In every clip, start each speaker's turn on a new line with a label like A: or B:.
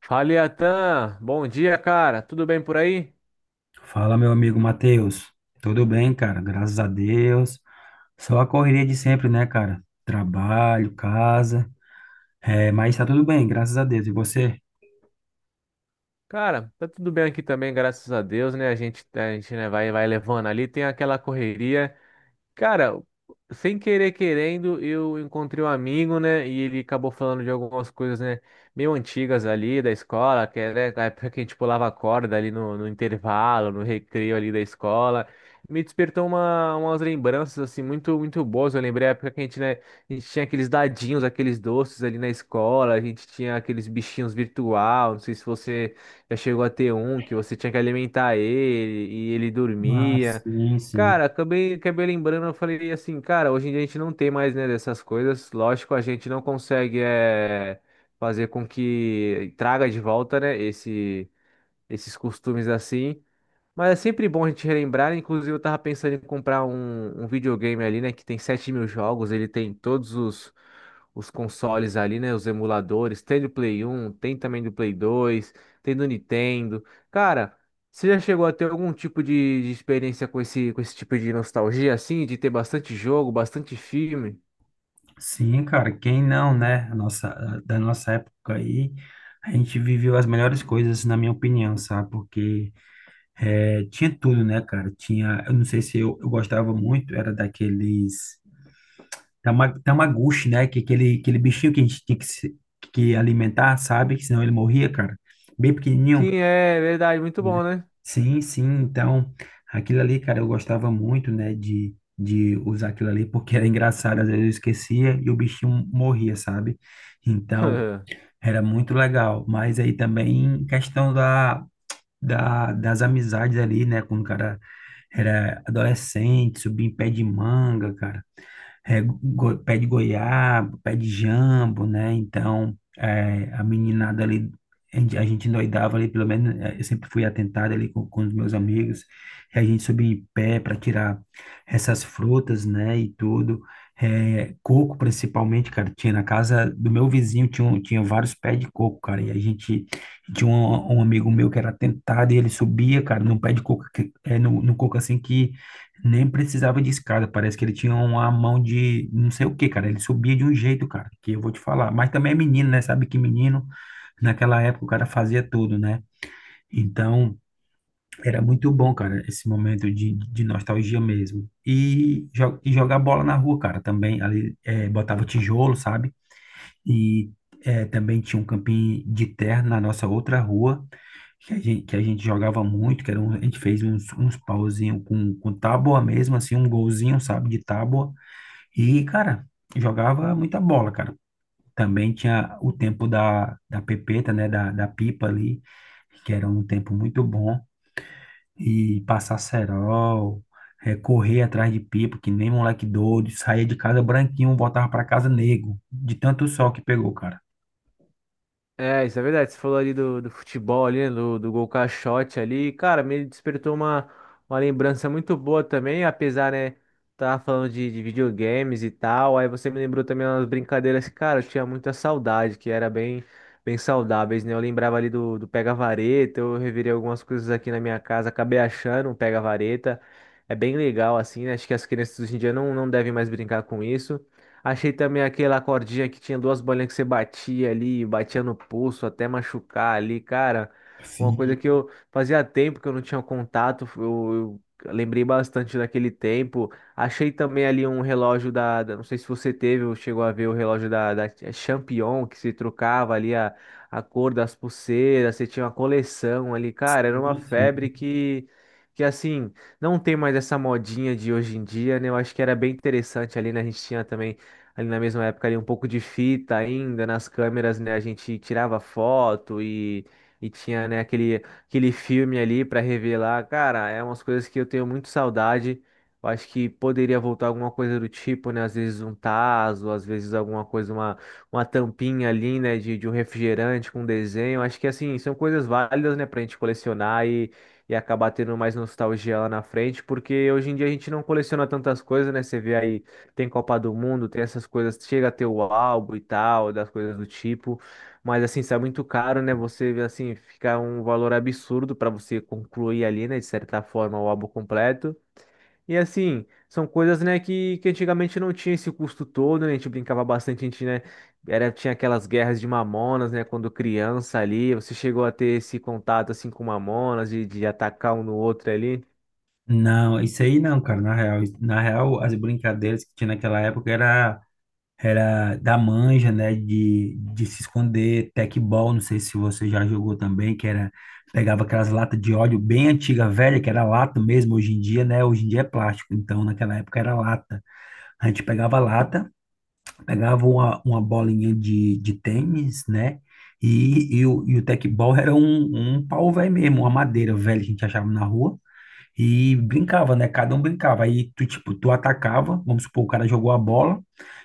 A: Fala, Iatan. Bom dia, cara. Tudo bem por aí?
B: Fala, meu amigo Matheus. Tudo bem, cara? Graças a Deus. Só a correria de sempre, né, cara? Trabalho, casa. É, mas tá tudo bem, graças a Deus. E você?
A: Cara, tá tudo bem aqui também, graças a Deus, né? A gente, né, vai levando ali, tem aquela correria. Cara, sem querer querendo, eu encontrei um amigo, né? E ele acabou falando de algumas coisas, né? Meio antigas ali da escola, que era a época que a gente pulava corda ali no intervalo, no recreio ali da escola. Me despertou umas lembranças, assim, muito boas. Eu lembrei a época que a gente, né? A gente tinha aqueles dadinhos, aqueles doces ali na escola. A gente tinha aqueles bichinhos virtual. Não sei se você já chegou a ter um, que você tinha que alimentar ele e ele
B: Ah,
A: dormia.
B: sim, sim.
A: Cara, acabei lembrando, eu falei assim, cara, hoje em dia a gente não tem mais, né, dessas coisas. Lógico, a gente não consegue é fazer com que traga de volta, né, esses costumes assim. Mas é sempre bom a gente relembrar. Inclusive, eu tava pensando em comprar um videogame ali, né? Que tem 7.000 jogos, ele tem todos os consoles ali, né? Os emuladores. Tem do Play 1, tem também do Play 2, tem do Nintendo. Cara, você já chegou a ter algum tipo de experiência com com esse tipo de nostalgia, assim? De ter bastante jogo, bastante filme?
B: Sim, cara, quem não, né? A nossa, da nossa época aí, a gente viveu as melhores coisas, na minha opinião, sabe? Porque tinha tudo, né, cara? Tinha, eu não sei se eu gostava muito, era daqueles. Tamaguchi, né? Que aquele bichinho que a gente tinha que, que alimentar, sabe? Que senão ele morria, cara. Bem pequenininho,
A: Sim, é verdade, muito
B: né?
A: bom, né?
B: Sim, sim. Então, aquilo ali, cara, eu gostava muito, né? De usar aquilo ali, porque era engraçado. Às vezes eu esquecia e o bichinho morria, sabe? Então, era muito legal. Mas aí também, questão das amizades ali, né? Quando o cara era adolescente, subia em pé de manga, cara, pé de goiaba, pé de jambo, né? Então, é, a meninada ali, a gente endoidava ali, pelo menos eu sempre fui atentado ali com os meus amigos, e a gente subia em pé para tirar essas frutas, né? E tudo. É, coco, principalmente, cara, tinha na casa do meu vizinho, tinha, tinha vários pés de coco, cara, e a gente tinha um amigo meu que era atentado e ele subia, cara, num pé de coco, que, no coco assim que nem precisava de escada, parece que ele tinha uma mão de não sei o que, cara. Ele subia de um jeito, cara, que eu vou te falar. Mas também é menino, né? Sabe que menino, naquela época o cara fazia tudo, né? Então, era muito bom, cara, esse momento de nostalgia mesmo. E jogar bola na rua, cara, também. Ali, botava tijolo, sabe? E também tinha um campinho de terra na nossa outra rua, que que a gente jogava muito, que a gente fez uns pauzinhos com tábua mesmo, assim, um golzinho, sabe, de tábua. E, cara, jogava muita bola, cara. Também tinha o tempo da pepeta, né, da pipa ali, que era um tempo muito bom. E passar cerol, correr atrás de pipa, que nem moleque doido, saía de casa branquinho, voltava para casa negro, de tanto sol que pegou, cara.
A: É, isso é verdade. Você falou ali do futebol ali, né, do gol caixote ali. Cara, me despertou uma lembrança muito boa também, apesar, né, tava falando de videogames e tal. Aí você me lembrou também umas brincadeiras que, cara, eu tinha muita saudade, que era bem saudáveis, né? Eu lembrava ali do pega-vareta, eu revirei algumas coisas aqui na minha casa, acabei achando um pega-vareta. É bem legal, assim, né? Acho que as crianças hoje em dia não devem mais brincar com isso. Achei também aquela cordinha que tinha duas bolinhas que você batia ali, batia no pulso até machucar ali, cara. Uma coisa
B: Sim,
A: que eu fazia tempo que eu não tinha contato, eu lembrei bastante daquele tempo. Achei também ali um relógio da não sei se você teve ou chegou a ver o relógio da Champion, que se trocava ali a cor das pulseiras, você tinha uma coleção ali, cara, era uma
B: Sim.
A: febre que assim, não tem mais essa modinha de hoje em dia, né? Eu acho que era bem interessante ali, né? A gente tinha também ali na mesma época ali um pouco de fita ainda nas câmeras, né? A gente tirava foto e tinha, né, aquele filme ali para revelar. Cara, é umas coisas que eu tenho muito saudade. Eu acho que poderia voltar alguma coisa do tipo, né? Às vezes um tazo, às vezes alguma coisa, uma tampinha ali, né? De um refrigerante com desenho. Acho que assim, são coisas válidas, né, pra gente colecionar e acabar tendo mais nostalgia lá na frente, porque hoje em dia a gente não coleciona tantas coisas, né? Você vê aí tem Copa do Mundo, tem essas coisas, chega a ter o álbum e tal, das coisas do tipo, mas assim, isso é muito caro, né? Você assim, fica um valor absurdo para você concluir ali, né, de certa forma, o álbum completo. E assim, são coisas, né, que antigamente não tinha esse custo todo, né? A gente brincava bastante, a gente, né, era, tinha aquelas guerras de Mamonas, né, quando criança ali, você chegou a ter esse contato, assim, com Mamonas, de atacar um no outro ali.
B: Não, isso aí não, cara. Na real, na real, as brincadeiras que tinha naquela época era da manja, né? De se esconder, tecbol, não sei se você já jogou também, que pegava aquelas latas de óleo bem antiga, velha, que era lata mesmo, hoje em dia, né? Hoje em dia é plástico, então naquela época era lata. A gente pegava lata, pegava uma bolinha de tênis, né? E o tecbol era um pau velho mesmo, uma madeira velha que a gente achava na rua. E brincava, né? Cada um brincava. Aí tu, tipo, tu atacava, vamos supor, o cara jogou a bola,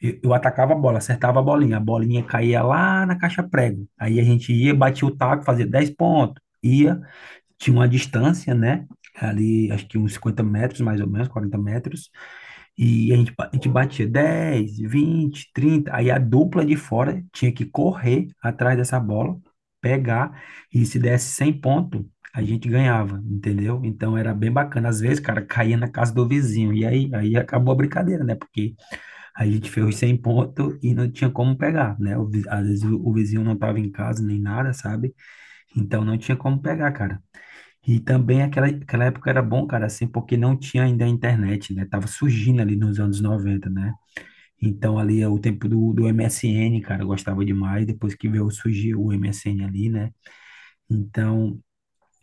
B: eu atacava a bola, acertava a bolinha caía lá na caixa prego. Aí a gente ia, batia o taco, fazia 10 pontos, ia, tinha uma distância, né? Ali, acho que uns 50 metros, mais ou menos, 40 metros. E a gente, a gente batia 10, 20, 30 Aí a dupla de fora tinha que correr atrás dessa bola, pegar. E se desse 100 pontos, a gente ganhava, entendeu? Então era bem bacana. Às vezes, cara, caía na casa do vizinho. E aí, aí acabou a brincadeira, né? Porque a gente fez os 100 pontos e não tinha como pegar, né? Às vezes o vizinho não tava em casa nem nada, sabe? Então não tinha como pegar, cara. E também aquela época era bom, cara, assim, porque não tinha ainda a internet, né? Tava surgindo ali nos anos 90, né? Então ali é o tempo do MSN, cara, eu gostava demais, depois que veio surgir o MSN ali, né? Então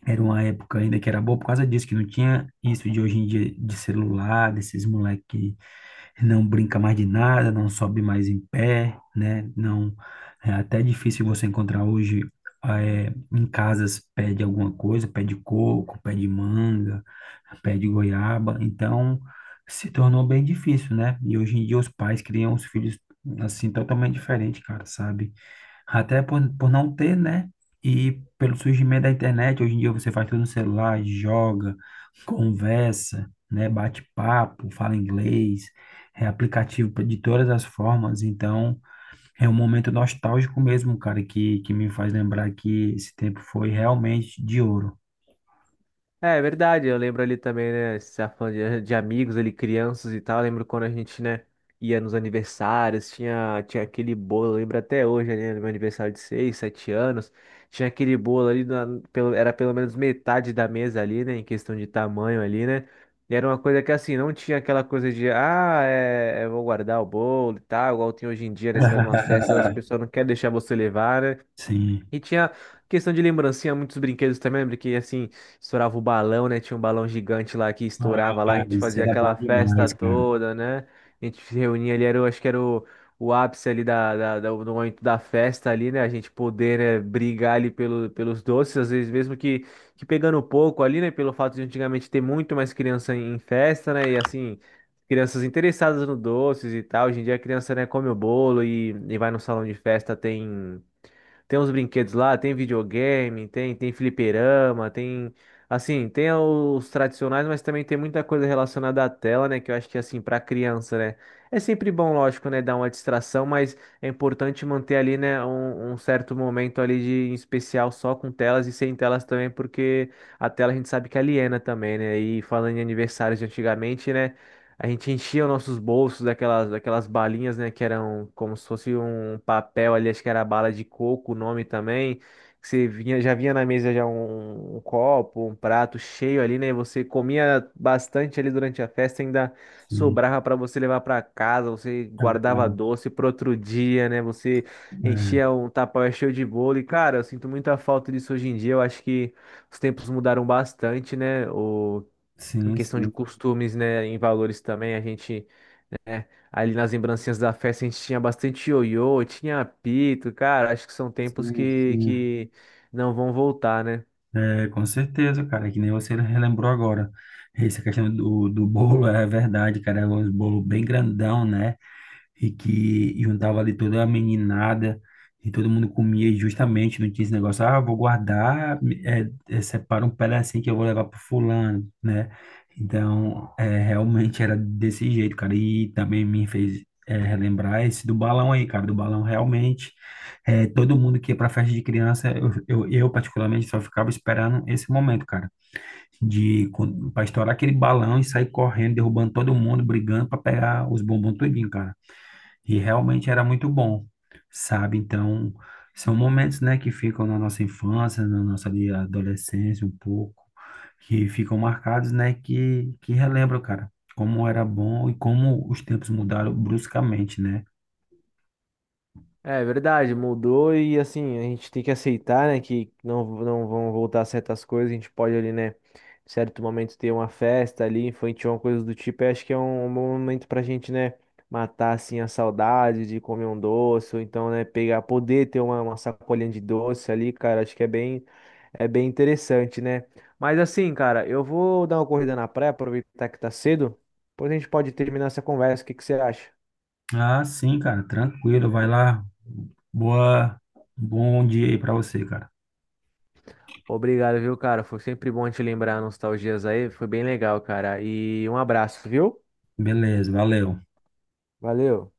B: era uma época ainda que era boa por causa disso, que não tinha isso de hoje em dia de celular, desses moleques não brinca mais de nada, não sobe mais em pé, né? Não, é até difícil você encontrar hoje em casas pé de alguma coisa, pé de coco, pé de manga, pé de goiaba. Então, se tornou bem difícil, né? E hoje em dia os pais criam os filhos assim totalmente diferente, cara, sabe? Até por não ter, né? E pelo surgimento da internet, hoje em dia você faz tudo no celular, joga, conversa, né? Bate papo, fala inglês, é aplicativo de todas as formas. Então, é um momento nostálgico mesmo, cara, que me faz lembrar que esse tempo foi realmente de ouro.
A: É, é verdade, eu lembro ali também, né, você tá falando de amigos ali, crianças e tal, eu lembro quando a gente, né, ia nos aniversários, tinha aquele bolo, eu lembro até hoje, né, no meu aniversário de 6, 7 anos, tinha aquele bolo ali, pelo, era pelo menos metade da mesa ali, né, em questão de tamanho ali, né, e era uma coisa que assim, não tinha aquela coisa de, ah, é, eu vou guardar o bolo e tal, igual tem hoje em dia, né, você vai numa festa, as pessoas não querem deixar você levar, né,
B: Sim.
A: e tinha questão de lembrancinha, muitos brinquedos também, lembra que assim, estourava o balão, né? Tinha um balão gigante lá que estourava lá, a
B: Ah,
A: gente
B: isso
A: fazia
B: era bom
A: aquela festa
B: demais, cara.
A: toda, né? A gente se reunia ali, era, acho que era o ápice ali da do momento da festa ali, né? A gente poder, né, brigar ali pelo, pelos doces, às vezes mesmo que pegando pouco ali, né? Pelo fato de antigamente ter muito mais criança em festa, né? E assim, crianças interessadas no doces e tal. Hoje em dia a criança, né, come o bolo e vai no salão de festa, tem. Tem uns brinquedos lá, tem videogame, tem, tem fliperama, tem. Assim, tem os tradicionais, mas também tem muita coisa relacionada à tela, né? Que eu acho que, assim, para criança, né? É sempre bom, lógico, né? Dar uma distração, mas é importante manter ali, né? Um certo momento ali de em especial só com telas e sem telas também, porque a tela a gente sabe que aliena também, né? E falando em aniversários de antigamente, né? A gente enchia os nossos bolsos daquelas balinhas, né? Que eram como se fosse um papel ali, acho que era bala de coco, o nome também. Que você vinha, já vinha na mesa já um copo, um prato cheio ali, né? Você comia bastante ali durante a festa, ainda
B: Sim,
A: sobrava para você levar para casa, você
B: é
A: guardava
B: verdade.
A: doce para outro dia, né? Você enchia
B: É,
A: um tapaué cheio de bolo. E, cara, eu sinto muita falta disso hoje em dia. Eu acho que os tempos mudaram bastante, né? O em
B: sim,
A: questão de
B: sim,
A: costumes, né, em valores também, a gente, ali nas lembrancinhas da festa, a gente tinha bastante ioiô, tinha apito, cara, acho que são tempos
B: sim, sim.
A: que não vão voltar, né?
B: É, com certeza, cara, que nem você relembrou agora. Essa questão do bolo é verdade, cara, é um bolo bem grandão, né? E que juntava ali toda a meninada e todo mundo comia e justamente, não tinha esse negócio, ah, vou guardar, separa um pedacinho que eu vou levar pro fulano, né? Então, é, realmente era desse jeito, cara, e também me fez relembrar esse do balão aí, cara, do balão realmente, todo mundo que ia pra festa de criança, eu particularmente só ficava esperando esse momento, cara, de para estourar aquele balão e sair correndo, derrubando todo mundo, brigando para pegar os bombons tudinho, cara. E realmente era muito bom, sabe? Então, são momentos, né, que ficam na nossa infância, na nossa ali adolescência um pouco, que ficam marcados, né, que relembram, cara, como era bom e como os tempos mudaram bruscamente, né?
A: É verdade, mudou e assim, a gente tem que aceitar, né, que não vão voltar certas coisas, a gente pode ali, né, em certo momento ter uma festa ali, infantil, uma coisa do tipo, e acho que é um bom momento pra gente, né, matar assim a saudade de comer um doce, ou então, né, pegar, poder ter uma sacolinha de doce ali, cara, acho que é é bem interessante, né? Mas assim, cara, eu vou dar uma corrida na praia, aproveitar que tá cedo, depois a gente pode terminar essa conversa, o que que você acha?
B: Ah, sim, cara, tranquilo, vai lá. Boa, bom dia aí pra você, cara.
A: Obrigado, viu, cara? Foi sempre bom te lembrar nostalgias aí. Foi bem legal, cara. E um abraço, viu?
B: Beleza, valeu.
A: Valeu.